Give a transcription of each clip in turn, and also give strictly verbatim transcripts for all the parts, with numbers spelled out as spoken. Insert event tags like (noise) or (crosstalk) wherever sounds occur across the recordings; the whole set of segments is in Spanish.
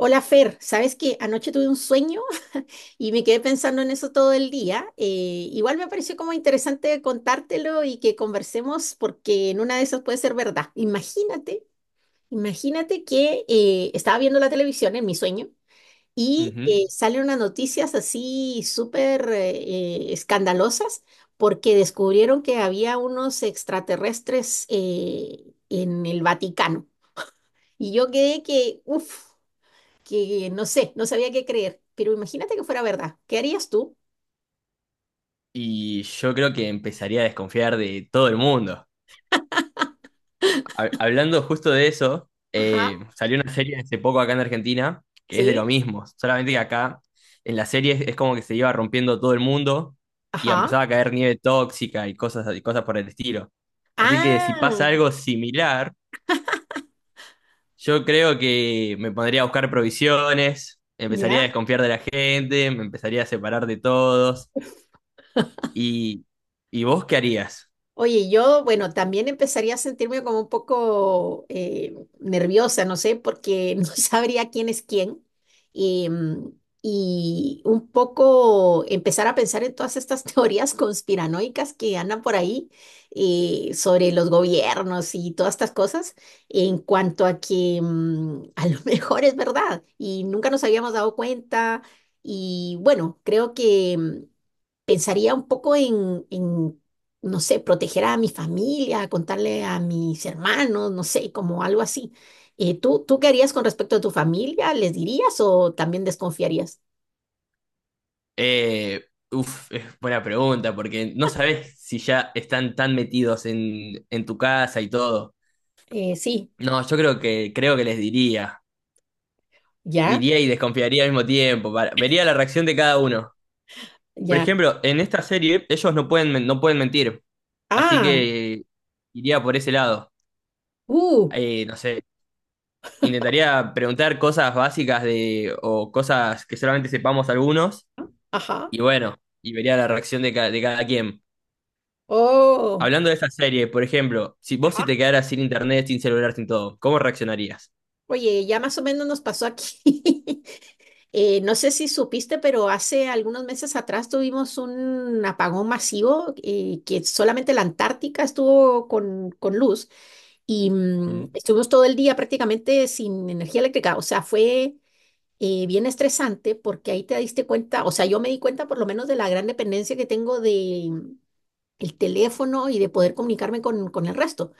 Hola Fer, sabes que anoche tuve un sueño (laughs) y me quedé pensando en eso todo el día. Eh, igual me pareció como interesante contártelo y que conversemos porque en una de esas puede ser verdad. Imagínate, imagínate que eh, estaba viendo la televisión en mi sueño y Ujú. eh, salen unas noticias así súper eh, escandalosas porque descubrieron que había unos extraterrestres eh, en el Vaticano. Y yo quedé que, uff, que no sé, no sabía qué creer, pero imagínate que fuera verdad. ¿Qué harías tú? Y yo creo que empezaría a desconfiar de todo el mundo. Ha- hablando justo de eso, Ajá. eh, salió una serie hace poco acá en Argentina que es de lo ¿Sí? mismo, solamente que acá en la serie es, es como que se iba rompiendo todo el mundo y Ajá. empezaba a caer nieve tóxica y cosas, y cosas por el estilo. Así que Ah, si pasa algo similar, yo creo que me pondría a buscar provisiones, empezaría a ya. desconfiar de la gente, me empezaría a separar de todos. ¿Y, y vos qué harías? Oye, yo, bueno, también empezaría a sentirme como un poco eh, nerviosa, no sé, porque (laughs) no sabría quién es quién. Y, mm, y un poco empezar a pensar en todas estas (laughs) teorías conspiranoicas que andan por ahí eh, sobre los gobiernos y todas estas cosas, en cuanto a que mm, a lo (laughs) mejor es verdad y nunca nos habíamos dado cuenta. Y bueno, creo que mm, pensaría un poco en, en, no sé, proteger a mi familia, contarle a mis hermanos, no sé, como algo así. Eh, ¿tú, tú qué harías con respecto a tu familia? ¿Les dirías o también desconfiarías? Eh, uf, es buena pregunta, porque no sabes si ya están tan metidos en, en tu casa y todo. Eh, sí, No, yo creo que, creo que les diría. ya, Diría y desconfiaría al mismo tiempo. Para- vería la reacción de cada uno. Por ya. ejemplo, en esta serie ellos no pueden, men- no pueden mentir. Así Ah, que iría por ese lado. uh, Eh, no sé, intentaría preguntar cosas básicas de, o cosas que solamente sepamos algunos. ajá, Y bueno, y vería la reacción de, ca- de cada quien. oh, Hablando de esa serie, por ejemplo, si vos si ajá. te quedaras sin internet, sin celular, sin todo, ¿cómo reaccionarías? Oye, ya más o menos nos pasó aquí. (laughs) Eh, no sé si supiste, pero hace algunos meses atrás tuvimos un apagón masivo eh, que solamente la Antártica estuvo con, con luz y mm, Mm, estuvimos todo el día prácticamente sin energía eléctrica. O sea, fue eh, bien estresante porque ahí te diste cuenta, o sea, yo me di cuenta por lo menos de la gran dependencia que tengo de mm, el teléfono y de poder comunicarme con, con el resto.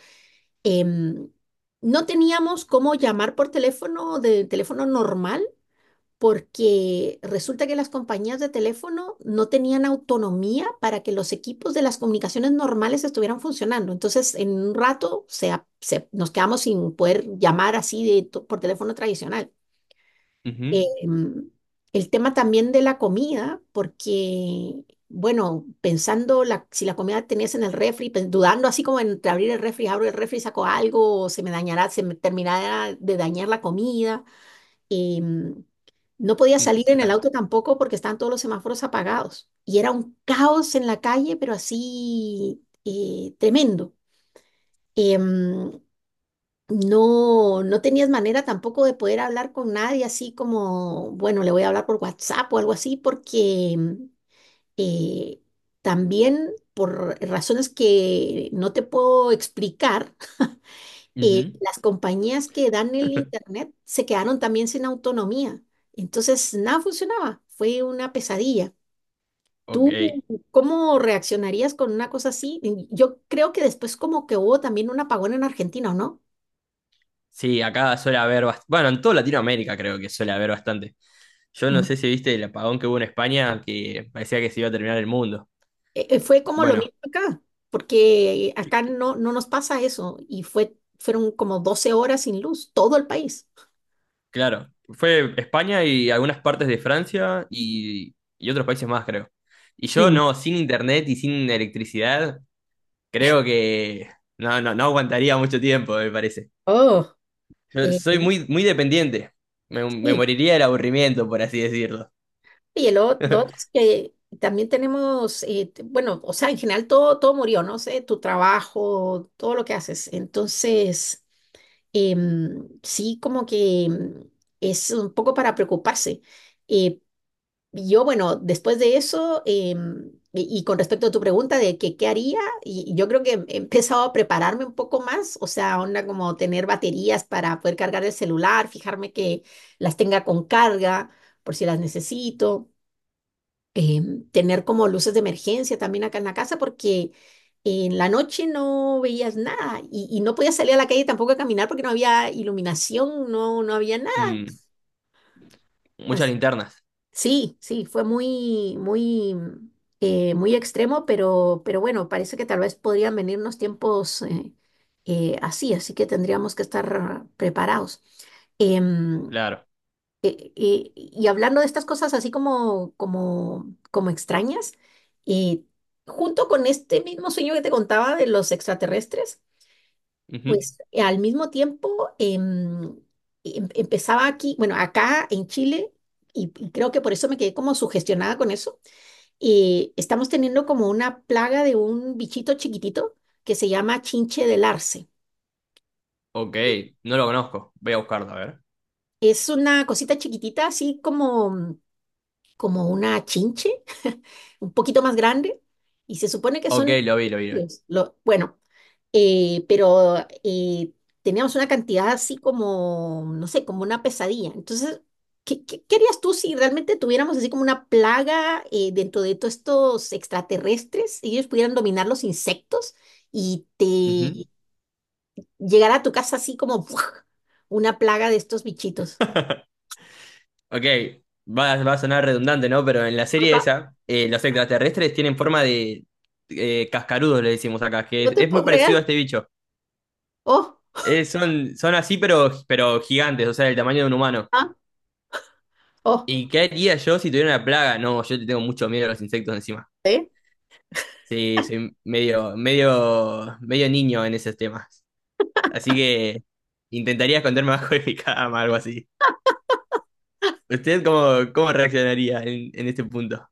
Em, no teníamos cómo llamar por teléfono, de teléfono normal porque resulta que las compañías de teléfono no tenían autonomía para que los equipos de las comunicaciones normales estuvieran funcionando. Entonces, en un rato se, a- se- nos quedamos sin poder llamar así de, to- por teléfono tradicional. Eh, ujú, mm, el tema también de la comida, porque, bueno, pensando la, si la comida tenías en el refri, pen- dudando así como entre abrir el refri, abro el refri, saco algo, o se me dañará, se me terminará de dañar la comida eh, no podía ujú, salir en el claro. auto tampoco porque estaban todos los semáforos apagados. Y era un caos en la calle, pero así eh, tremendo. Em, no, no tenías manera tampoco de poder hablar con nadie así como, bueno, le voy a hablar por WhatsApp o algo así, porque em, eh, también por razones que no te puedo explicar, eh, Ujú, las compañías que dan el Internet se quedaron también sin autonomía. Entonces, nada funcionaba. Fue una pesadilla. ¿Tú ok. cómo reaccionarías con una cosa así? Y yo creo que después como que hubo también un apagón en Argentina, ¿o no? Sí, acá suele haber bast- bueno, en toda Latinoamérica creo que suele haber bastante. Yo no Mm. sé si viste el apagón que hubo en España, que parecía que se iba a terminar el mundo. Eh, eh, fue como lo Bueno, mismo acá, porque c- acá no, no nos pasa eso. Y fue, fueron como doce horas sin luz, todo el país. claro, fue España y algunas partes de Francia y, y otros países más, creo. Y yo Mm. no, sin internet y sin electricidad, creo que no, no, no aguantaría mucho tiempo, me parece. Oh, Yo eh, soy muy, muy dependiente. Me, me sí. moriría del aburrimiento, por así decirlo. Y el lo otro (laughs) es que también tenemos, eh, t- bueno, o sea, en general todo, todo murió, ¿no? sé, tu trabajo, todo lo que haces. Entonces, em, sí, como que em, es un poco para preocuparse. Eh, yo, bueno, después de eso, em, y, y con respecto a tu pregunta de que qué haría, y, y yo creo que he empezado a prepararme un poco más, o sea, onda como tener baterías para poder cargar el celular, fijarme que las tenga con carga por si las necesito, eh, tener como luces de emergencia también acá en la casa porque en la noche no veías nada y, y no podías salir a la calle tampoco a caminar porque no había iluminación, no, no había nada. Mm, muchas As- linternas, Sí, sí, fue muy, muy, mm, eh, muy extremo, pero, pero bueno, parece que tal vez podrían venirnos tiempos eh, eh, así, así que tendríamos que estar preparados. Em, claro. eh, eh, y hablando de estas cosas así como, como, como extrañas, y junto con este mismo sueño que te contaba de los extraterrestres, Ujú. pues eh, al mismo tiempo em, em- empezaba aquí, bueno, acá en Chile, y, y creo que por eso me quedé como sugestionada con eso, eh, estamos teniendo como una plaga de un bichito chiquitito que se llama chinche del arce. Ok, no lo conozco. Voy a buscarlo, a ver. Es una cosita chiquitita, así como, como una chinche, un poquito más grande y se supone que Ok, son... lo vi, lo vi. Lo vi. infantiles. Lo, bueno, eh, pero eh, teníamos una cantidad así como, no sé, como una pesadilla. Entonces, ¿qué, qué, qué harías tú si realmente tuviéramos así como una plaga eh, dentro de todos estos extraterrestres y ellos pudieran dominar los insectos y Ujú. te llegara a tu casa así como ¡buah!, una plaga de estos bichitos? Ok, va, va a sonar redundante, ¿no? Pero en la serie Ajá. esa, eh, los extraterrestres tienen forma de eh, cascarudos, le decimos acá, que No es, te es muy puedo parecido a creer. este bicho. Oh, Eh, son, son así, pero, pero gigantes, o sea, del tamaño de un humano. ah, oh. ¿Y qué haría yo si tuviera una plaga? No, yo te tengo mucho miedo a los insectos encima. ¿Eh? Sí, soy medio, medio, medio niño en esos temas. Así que intentaría esconderme (laughs) bajo de mi cama, algo así. ¿Usted cómo, cómo reaccionaría en, en este punto?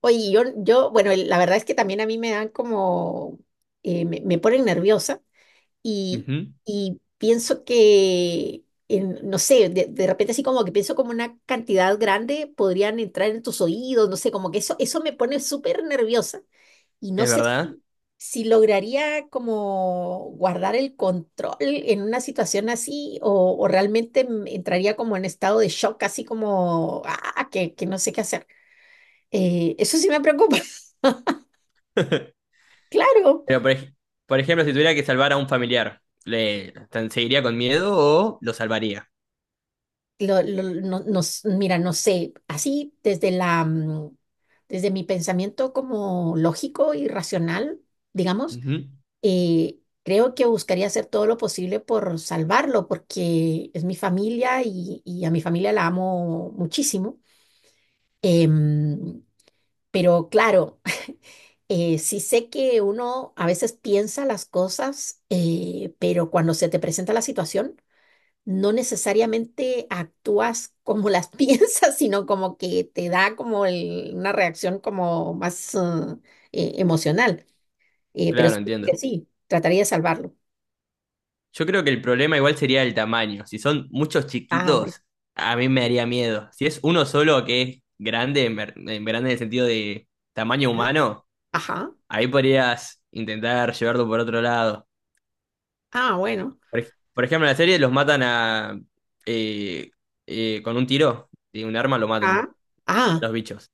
Oye, yo, yo, bueno, el- la verdad es que también a mí me dan como, eh, me, me ponen nerviosa y, Ujú, y pienso que, en- no sé, de, de repente así como que pienso como una cantidad grande podrían entrar en tus oídos, no sé, como que eso, eso me pone súper nerviosa y no es sé verdad. si, si lograría como guardar el control en una situación así o, o realmente m- entraría como en estado de shock, así como, ah, que, que no sé qué hacer. Eh, eso sí me preocupa. (laughs) Claro, Pero por, ej- por ejemplo, si tuviera que salvar a un familiar, ¿le tan- seguiría con miedo o lo salvaría? lo- lo- no- nos, mira, no sé, así desde la, mm, desde mi pensamiento como lógico y racional, digamos, Ujú, eh, creo que buscaría hacer todo lo posible por salvarlo, porque es mi familia y, y a mi familia la amo muchísimo. Em, pero claro, (laughs) eh, sí sé que uno a veces piensa las cosas, eh, pero cuando se te presenta la situación no necesariamente actúas como las (laughs) piensas, sino como que te da como el- una reacción como más ah, eh, emocional. Eh, pero claro, supongo que entiendo. sí, trataría de salvarlo. Yo creo que el problema igual sería el tamaño. Si son muchos Ah, bueno. chiquitos, a mí me daría miedo. Si es uno solo que es grande, en ver- en grande en el sentido de tamaño Ah, humano. ajá. Ahí podrías intentar llevarlo por otro lado. Ah, bueno. Por, ej- por ejemplo, en la serie los matan a... eh, eh, con un tiro de un arma lo Ah, matan a ah. los bichos.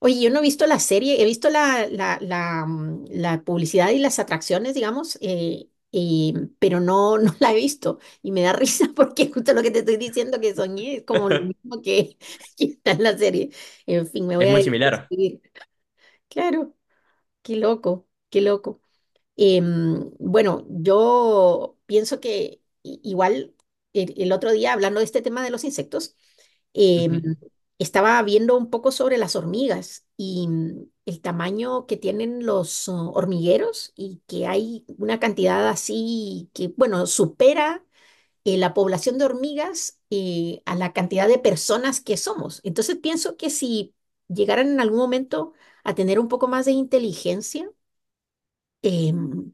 Oye, yo no he visto la serie, he visto la, la, la, mm, la publicidad y las atracciones, digamos, eh, y- pero no, no la he visto. Y me da risa (laughs) porque justo lo que te estoy diciendo que soñé es como lo (laughs) mismo que, (laughs) que está en la serie. En fin, me voy Es a muy dedicar a similar. escribir. Claro, qué loco, qué loco. Em, bueno, yo pienso que i- igual el, el otro día, hablando de este tema de los insectos, Ujú, em, estaba viendo un poco sobre las hormigas y mm, el tamaño que tienen los oh, hormigueros y que hay una cantidad así que, bueno, supera eh, la población de hormigas eh, a la cantidad de personas que somos. Entonces pienso que si llegaran en algún momento a tener un poco más de inteligencia, em,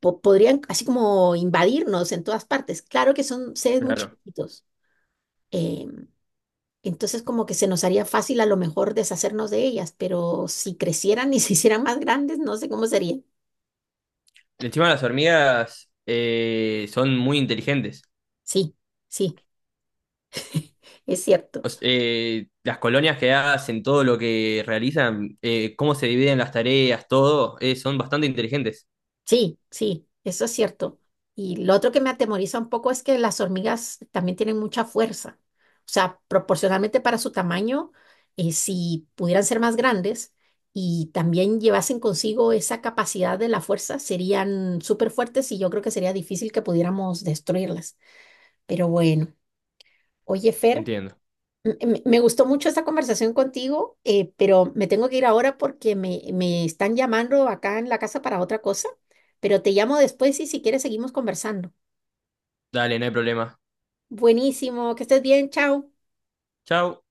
po- podrían así como invadirnos en todas partes. Claro que son seres muy claro. chiquititos. eh, entonces como que se nos haría fácil a lo mejor deshacernos de ellas, pero si crecieran y (laughs) se hicieran más grandes, no sé cómo sería. Encima las hormigas eh, son muy inteligentes. Sí, sí, es O cierto. S- eh, las colonias que hacen, todo lo que realizan, eh, cómo se dividen las tareas, todo, eh, son bastante inteligentes. Sí, sí, eso es cierto. Y lo otro que me atemoriza un poco es que las hormigas también tienen mucha fuerza. O sea, proporcionalmente para su tamaño, eh, si pudieran ser más grandes y también llevasen consigo esa capacidad de la fuerza, serían súper fuertes y yo creo que sería difícil que pudiéramos destruirlas. Pero bueno, oye, Fer, Entiendo. M- me me gustó mucho esta conversación contigo, eh, pero me tengo que ir ahora porque me, me están llamando acá en la casa para otra cosa, pero te llamo después y si quieres seguimos conversando. Dale, no hay problema. Buenísimo, que estés bien, chao. Chau.